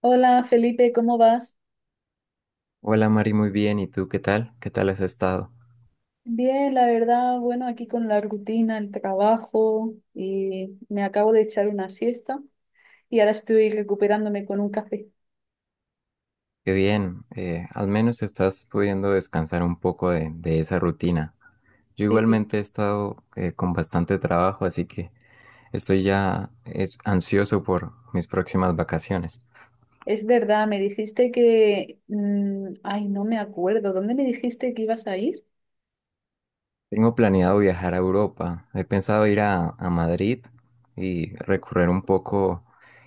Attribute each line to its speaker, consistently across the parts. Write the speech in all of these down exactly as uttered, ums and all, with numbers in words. Speaker 1: Hola Felipe, ¿cómo vas?
Speaker 2: Hola Mari, muy bien. ¿Y tú qué tal? ¿Qué tal has estado?
Speaker 1: Bien, la verdad, bueno, aquí con la rutina, el trabajo y me acabo de echar una siesta y ahora estoy recuperándome con un café.
Speaker 2: Qué bien. Eh, al menos estás pudiendo descansar un poco de, de esa rutina. Yo
Speaker 1: Sí,
Speaker 2: igualmente he estado eh, con bastante trabajo, así que estoy ya es, ansioso por mis próximas vacaciones.
Speaker 1: es verdad, me dijiste que... mm, ay, no me acuerdo, ¿dónde me dijiste que ibas a ir?
Speaker 2: Tengo planeado viajar a Europa. He pensado ir a, a Madrid y recorrer un poco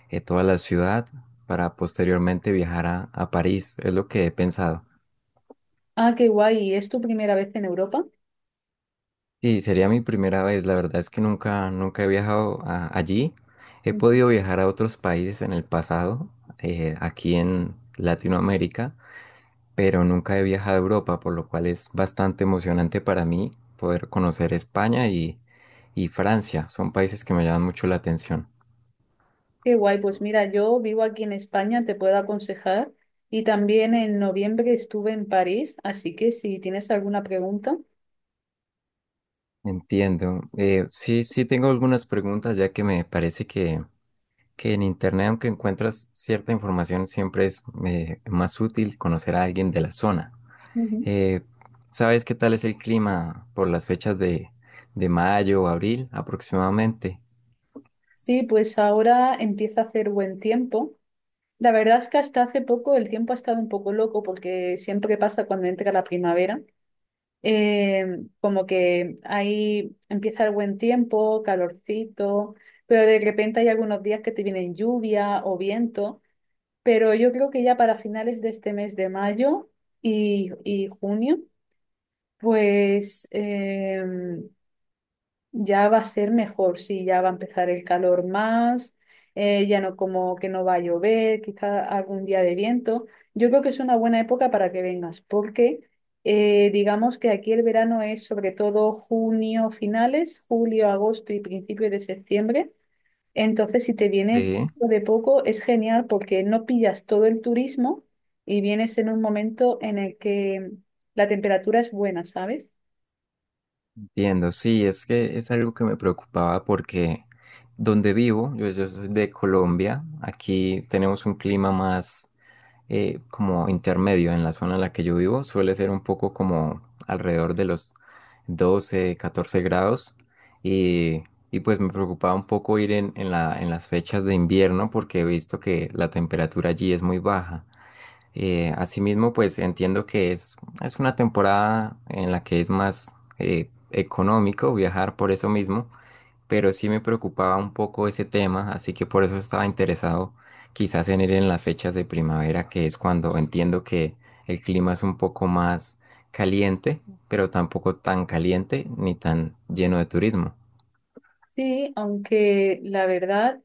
Speaker 2: eh, toda la ciudad para posteriormente viajar a, a París. Es lo que he pensado.
Speaker 1: Ah, qué guay, ¿es tu primera vez en Europa?
Speaker 2: Sí, sería mi primera vez. La verdad es que nunca, nunca he viajado a- allí. He
Speaker 1: Ujú.
Speaker 2: podido viajar a otros países en el pasado, eh, aquí en Latinoamérica, pero nunca he viajado a Europa, por lo cual es bastante emocionante para mí poder conocer España y, y Francia. Son países que me llaman mucho la atención.
Speaker 1: Qué guay, pues mira, yo vivo aquí en España, te puedo aconsejar y también en noviembre estuve en París, así que si tienes alguna pregunta.
Speaker 2: Entiendo. Eh, sí, sí tengo algunas preguntas, ya que me parece que, que en Internet, aunque encuentras cierta información, siempre es eh, más útil conocer a alguien de la zona.
Speaker 1: Ujú.
Speaker 2: Eh, ¿Sabes qué tal es el clima por las fechas de, de mayo o abril aproximadamente?
Speaker 1: Sí, pues ahora empieza a hacer buen tiempo. La verdad es que hasta hace poco el tiempo ha estado un poco loco porque siempre pasa cuando entra la primavera. Eh, Como que ahí empieza el buen tiempo, calorcito, pero de repente hay algunos días que te vienen lluvia o viento. Pero yo creo que ya para finales de este mes de mayo y, y junio, pues em, ya va a ser mejor, sí, ya va a empezar el calor más, eh, ya no como que no va a llover, quizá algún día de viento. Yo creo que es una buena época para que vengas, porque eh, digamos que aquí el verano es sobre todo junio finales, julio, agosto y principio de septiembre. Entonces, si te vienes
Speaker 2: Sí,
Speaker 1: dentro de poco, es genial porque no pillas todo el turismo y vienes en un momento en el que la temperatura es buena, ¿sabes?
Speaker 2: entiendo. Sí, es que es algo que me preocupaba porque donde vivo, yo, yo soy de Colombia, aquí tenemos un clima más, eh, como intermedio en la zona en la que yo vivo. Suele ser un poco como alrededor de los doce catorce grados. Y, y pues me preocupaba un poco ir en, en la- en las fechas de invierno porque he visto que la temperatura allí es muy baja. Eh, asimismo, pues entiendo que es, es una temporada en la que es más eh, económico viajar por eso mismo, pero sí me preocupaba un poco ese tema, así que por eso estaba interesado quizás en ir en las fechas de primavera, que es cuando entiendo que el clima es un poco más caliente, pero tampoco tan caliente ni tan lleno de turismo.
Speaker 1: Sí, aunque la verdad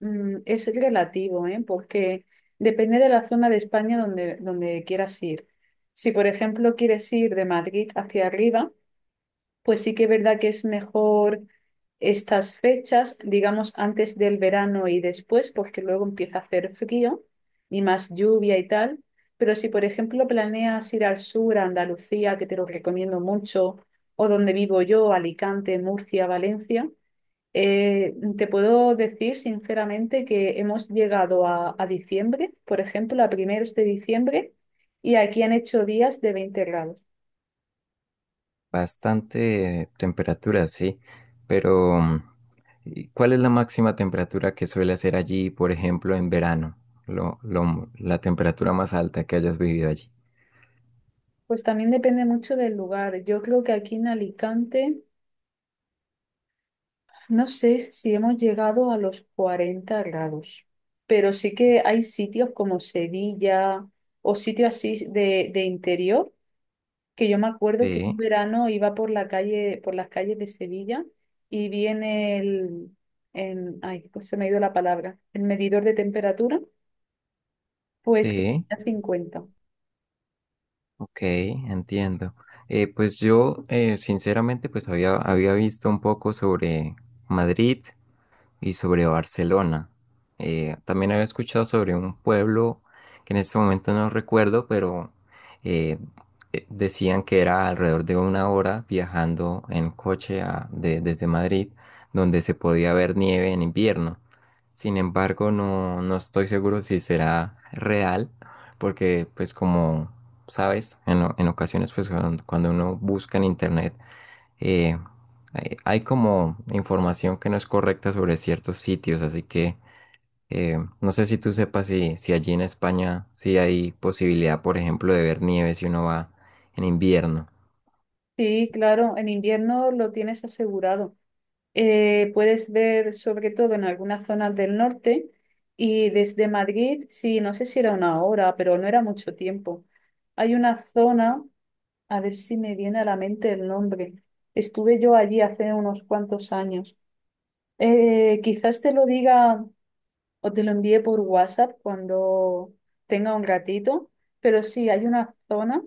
Speaker 1: mm, es relativo, ¿eh? Porque depende de la zona de España donde, donde quieras ir. Si, por ejemplo, quieres ir de Madrid hacia arriba, pues sí que es verdad que es mejor estas fechas, digamos, antes del verano y después, porque luego empieza a hacer frío y más lluvia y tal. Pero si, por ejemplo, planeas ir al sur, a Andalucía, que te lo recomiendo mucho, o donde vivo yo, Alicante, Murcia, Valencia, eh, te puedo decir sinceramente que hemos llegado a, a diciembre, por ejemplo, a primeros de diciembre, y aquí han hecho días de veinte grados.
Speaker 2: Bastante temperatura, sí, pero mm, ¿y ¿cuál es la máxima temperatura que suele hacer allí, por ejemplo, en verano? Lo, lo- la temperatura más alta que hayas vivido allí.
Speaker 1: Pues también depende mucho del lugar. Yo creo que aquí en Alicante, no sé si hemos llegado a los cuarenta grados, pero sí que hay sitios como Sevilla o sitios así de, de interior, que yo me acuerdo que
Speaker 2: Sí,
Speaker 1: un verano iba por la calle, por las calles de Sevilla y vi en el, en, ay, pues se me ha ido la palabra, el medidor de temperatura, pues que
Speaker 2: sí.
Speaker 1: tenía cincuenta.
Speaker 2: Ok, entiendo. Eh, pues yo, eh, sinceramente, pues había, había visto un poco sobre Madrid y sobre Barcelona. Eh, también había escuchado sobre un pueblo que en este momento no recuerdo, pero eh, eh, decían que era alrededor de una hora viajando en coche a- de- desde Madrid, donde se podía ver nieve en invierno. Sin embargo, no, no estoy seguro si será real, porque pues como sabes, en, o- en ocasiones, pues cuando cuando uno busca en internet eh, hay, hay como información que no es correcta sobre ciertos sitios, así que eh, no sé si tú sepas si, si allí en España sí hay posibilidad, por ejemplo, de ver nieve si uno va en invierno.
Speaker 1: Sí, claro, en invierno lo tienes asegurado. Eh, puedes ver sobre todo en algunas zonas del norte y desde Madrid, sí, no sé si era una hora, pero no era mucho tiempo. Hay una zona, a ver si me viene a la mente el nombre. Estuve yo allí hace unos cuantos años. Eh, quizás te lo diga o te lo envíe por WhatsApp cuando tenga un ratito, pero sí, hay una zona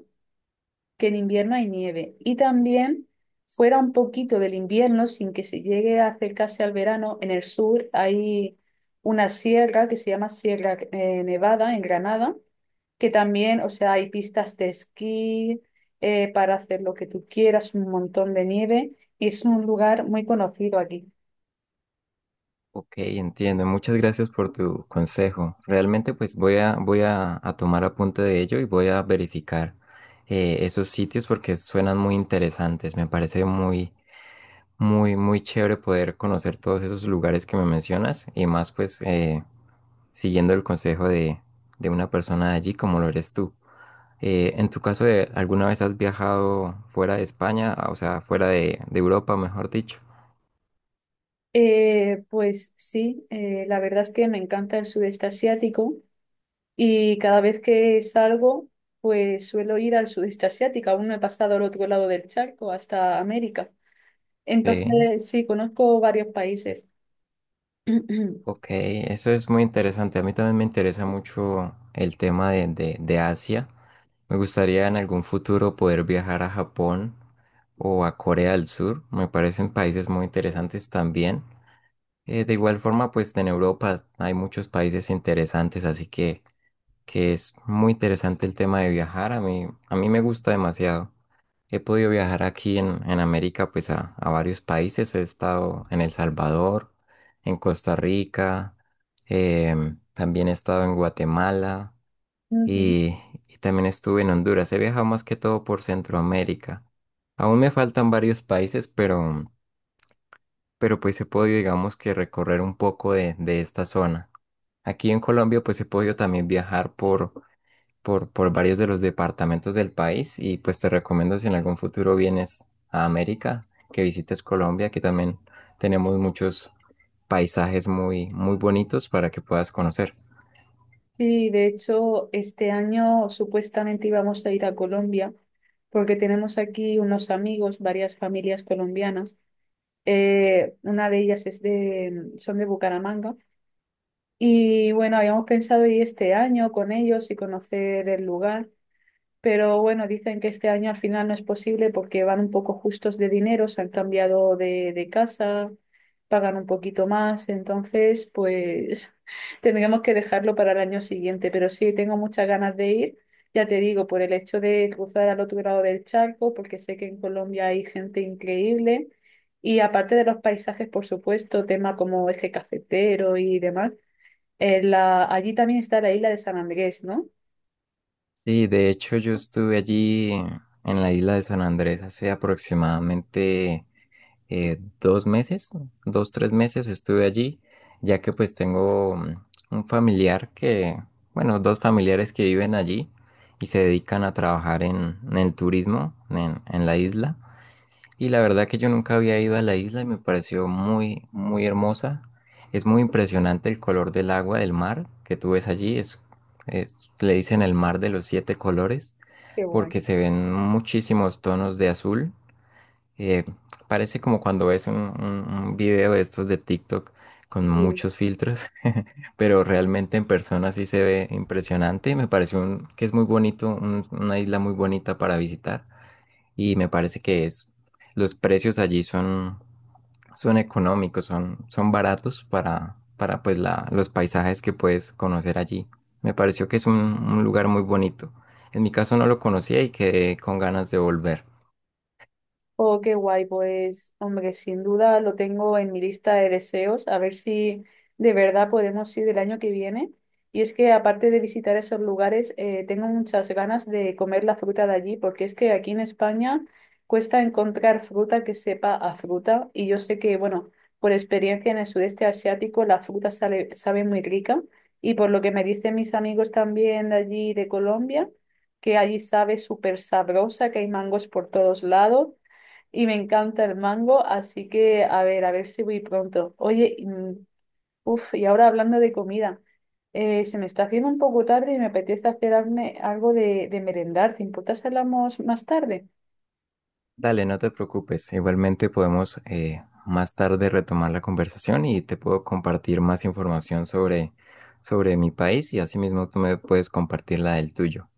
Speaker 1: que en invierno hay nieve y también fuera un poquito del invierno sin que se llegue a acercarse al verano, en el sur hay una sierra que se llama Sierra eh, Nevada, en Granada, que también, o sea, hay pistas de esquí eh, para hacer lo que tú quieras, un montón de nieve, y es un lugar muy conocido aquí.
Speaker 2: Ok, entiendo. Muchas gracias por tu consejo. Realmente pues voy a, voy a, a tomar apunte de ello y voy a verificar eh, esos sitios porque suenan muy interesantes. Me parece muy Muy, muy chévere poder conocer todos esos lugares que me mencionas y más pues eh, siguiendo el consejo de, de una persona de allí como lo eres tú. Eh, en tu caso, de, ¿alguna vez has viajado fuera de España, ah, o sea, fuera de, de Europa, mejor dicho?
Speaker 1: Eh, pues sí, eh, la verdad es que me encanta el sudeste asiático y cada vez que salgo, pues suelo ir al sudeste asiático. Aún no he pasado al otro lado del charco, hasta América.
Speaker 2: Sí,
Speaker 1: Entonces, sí, conozco varios países.
Speaker 2: ok, eso es muy interesante. A mí también me interesa mucho el tema de, de, de Asia. Me gustaría en algún futuro poder viajar a Japón o a Corea del Sur. Me parecen países muy interesantes también. Eh, de igual forma, pues en Europa hay muchos países interesantes, así que, que es muy interesante el tema de viajar. A mí, a mí me gusta demasiado. He podido viajar aquí en, en América, pues a, a varios países. He estado en El Salvador, en Costa Rica, em, también he estado en Guatemala
Speaker 1: Ujú.
Speaker 2: y, y también estuve en Honduras. He viajado más que todo por Centroamérica. Aún me faltan varios países, pero pero pues he podido, digamos, que recorrer un poco de, de esta zona. Aquí en Colombia pues he podido también viajar por, por, por varios de los departamentos del país y pues te recomiendo, si en algún futuro vienes a América, que visites Colombia, que también tenemos muchos paisajes muy, muy bonitos para que puedas conocer.
Speaker 1: Sí, de hecho, este año supuestamente íbamos a ir a Colombia porque tenemos aquí unos amigos, varias familias colombianas. Eh, una de ellas es de, son de Bucaramanga. Y bueno, habíamos pensado ir este año con ellos y conocer el lugar, pero bueno, dicen que este año al final no es posible porque van un poco justos de dinero, se han cambiado de, de casa, pagan un poquito más, entonces pues tendremos que dejarlo para el año siguiente, pero sí, tengo muchas ganas de ir, ya te digo, por el hecho de cruzar al otro lado del charco, porque sé que en Colombia hay gente increíble. Y aparte de los paisajes, por supuesto, tema como eje cafetero y demás, eh, la- allí también está la isla de San Andrés, ¿no?
Speaker 2: Y de hecho yo estuve allí en la isla de San Andrés hace aproximadamente eh, dos meses, dos, tres meses estuve allí, ya que pues tengo mm, un familiar que, bueno, dos familiares que viven allí y se dedican a trabajar en, en el turismo en, en la isla. Y la verdad que yo nunca había ido a la isla y me pareció muy, muy hermosa. Es muy impresionante el color del agua del mar que tú ves allí. Es, es- le dicen el mar de los siete colores
Speaker 1: Qué guay.
Speaker 2: porque se ven muchísimos tonos de azul eh, parece como cuando ves un, un- un video de estos de TikTok con
Speaker 1: Sí.
Speaker 2: muchos filtros, pero realmente en persona sí se ve impresionante. y Me parece un- que es muy bonito, un- una isla muy bonita para visitar y me parece que es, los precios allí son, son económicos, son, son baratos para, para pues la, los paisajes que puedes conocer allí. Me pareció que es un, un lugar muy bonito. En mi caso no lo conocía y quedé con ganas de volver.
Speaker 1: Oh, qué guay, pues, hombre, sin duda lo tengo en mi lista de deseos, a ver si de verdad podemos ir el año que viene. Y es que aparte de visitar esos lugares, eh, tengo muchas ganas de comer la fruta de allí, porque es que aquí en España cuesta encontrar fruta que sepa a fruta. Y yo sé que, bueno, por experiencia en el sudeste asiático, la fruta sale- sabe muy rica. Y por lo que me dicen mis amigos también de allí, de Colombia, que allí sabe súper sabrosa, que hay mangos por todos lados y me encanta el mango, así que a ver, a ver si voy pronto. Oye, mm, uf, y ahora hablando de comida, eh, se me está haciendo un poco tarde y me apetece hacerme algo de, de merendar. ¿Te importa si hablamos más tarde?
Speaker 2: Dale, no te preocupes. Igualmente podemos eh, más tarde retomar la conversación y te puedo compartir más información sobre, sobre mi país y asimismo tú me puedes compartir la del tuyo.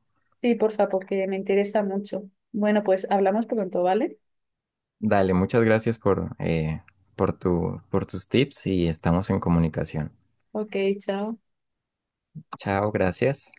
Speaker 1: Sí, porfa, porque me interesa mucho. Bueno, pues hablamos pronto, ¿vale?
Speaker 2: Dale, muchas gracias por, eh, por tu, por tus tips y estamos en comunicación.
Speaker 1: Ok, chao.
Speaker 2: Chao, gracias.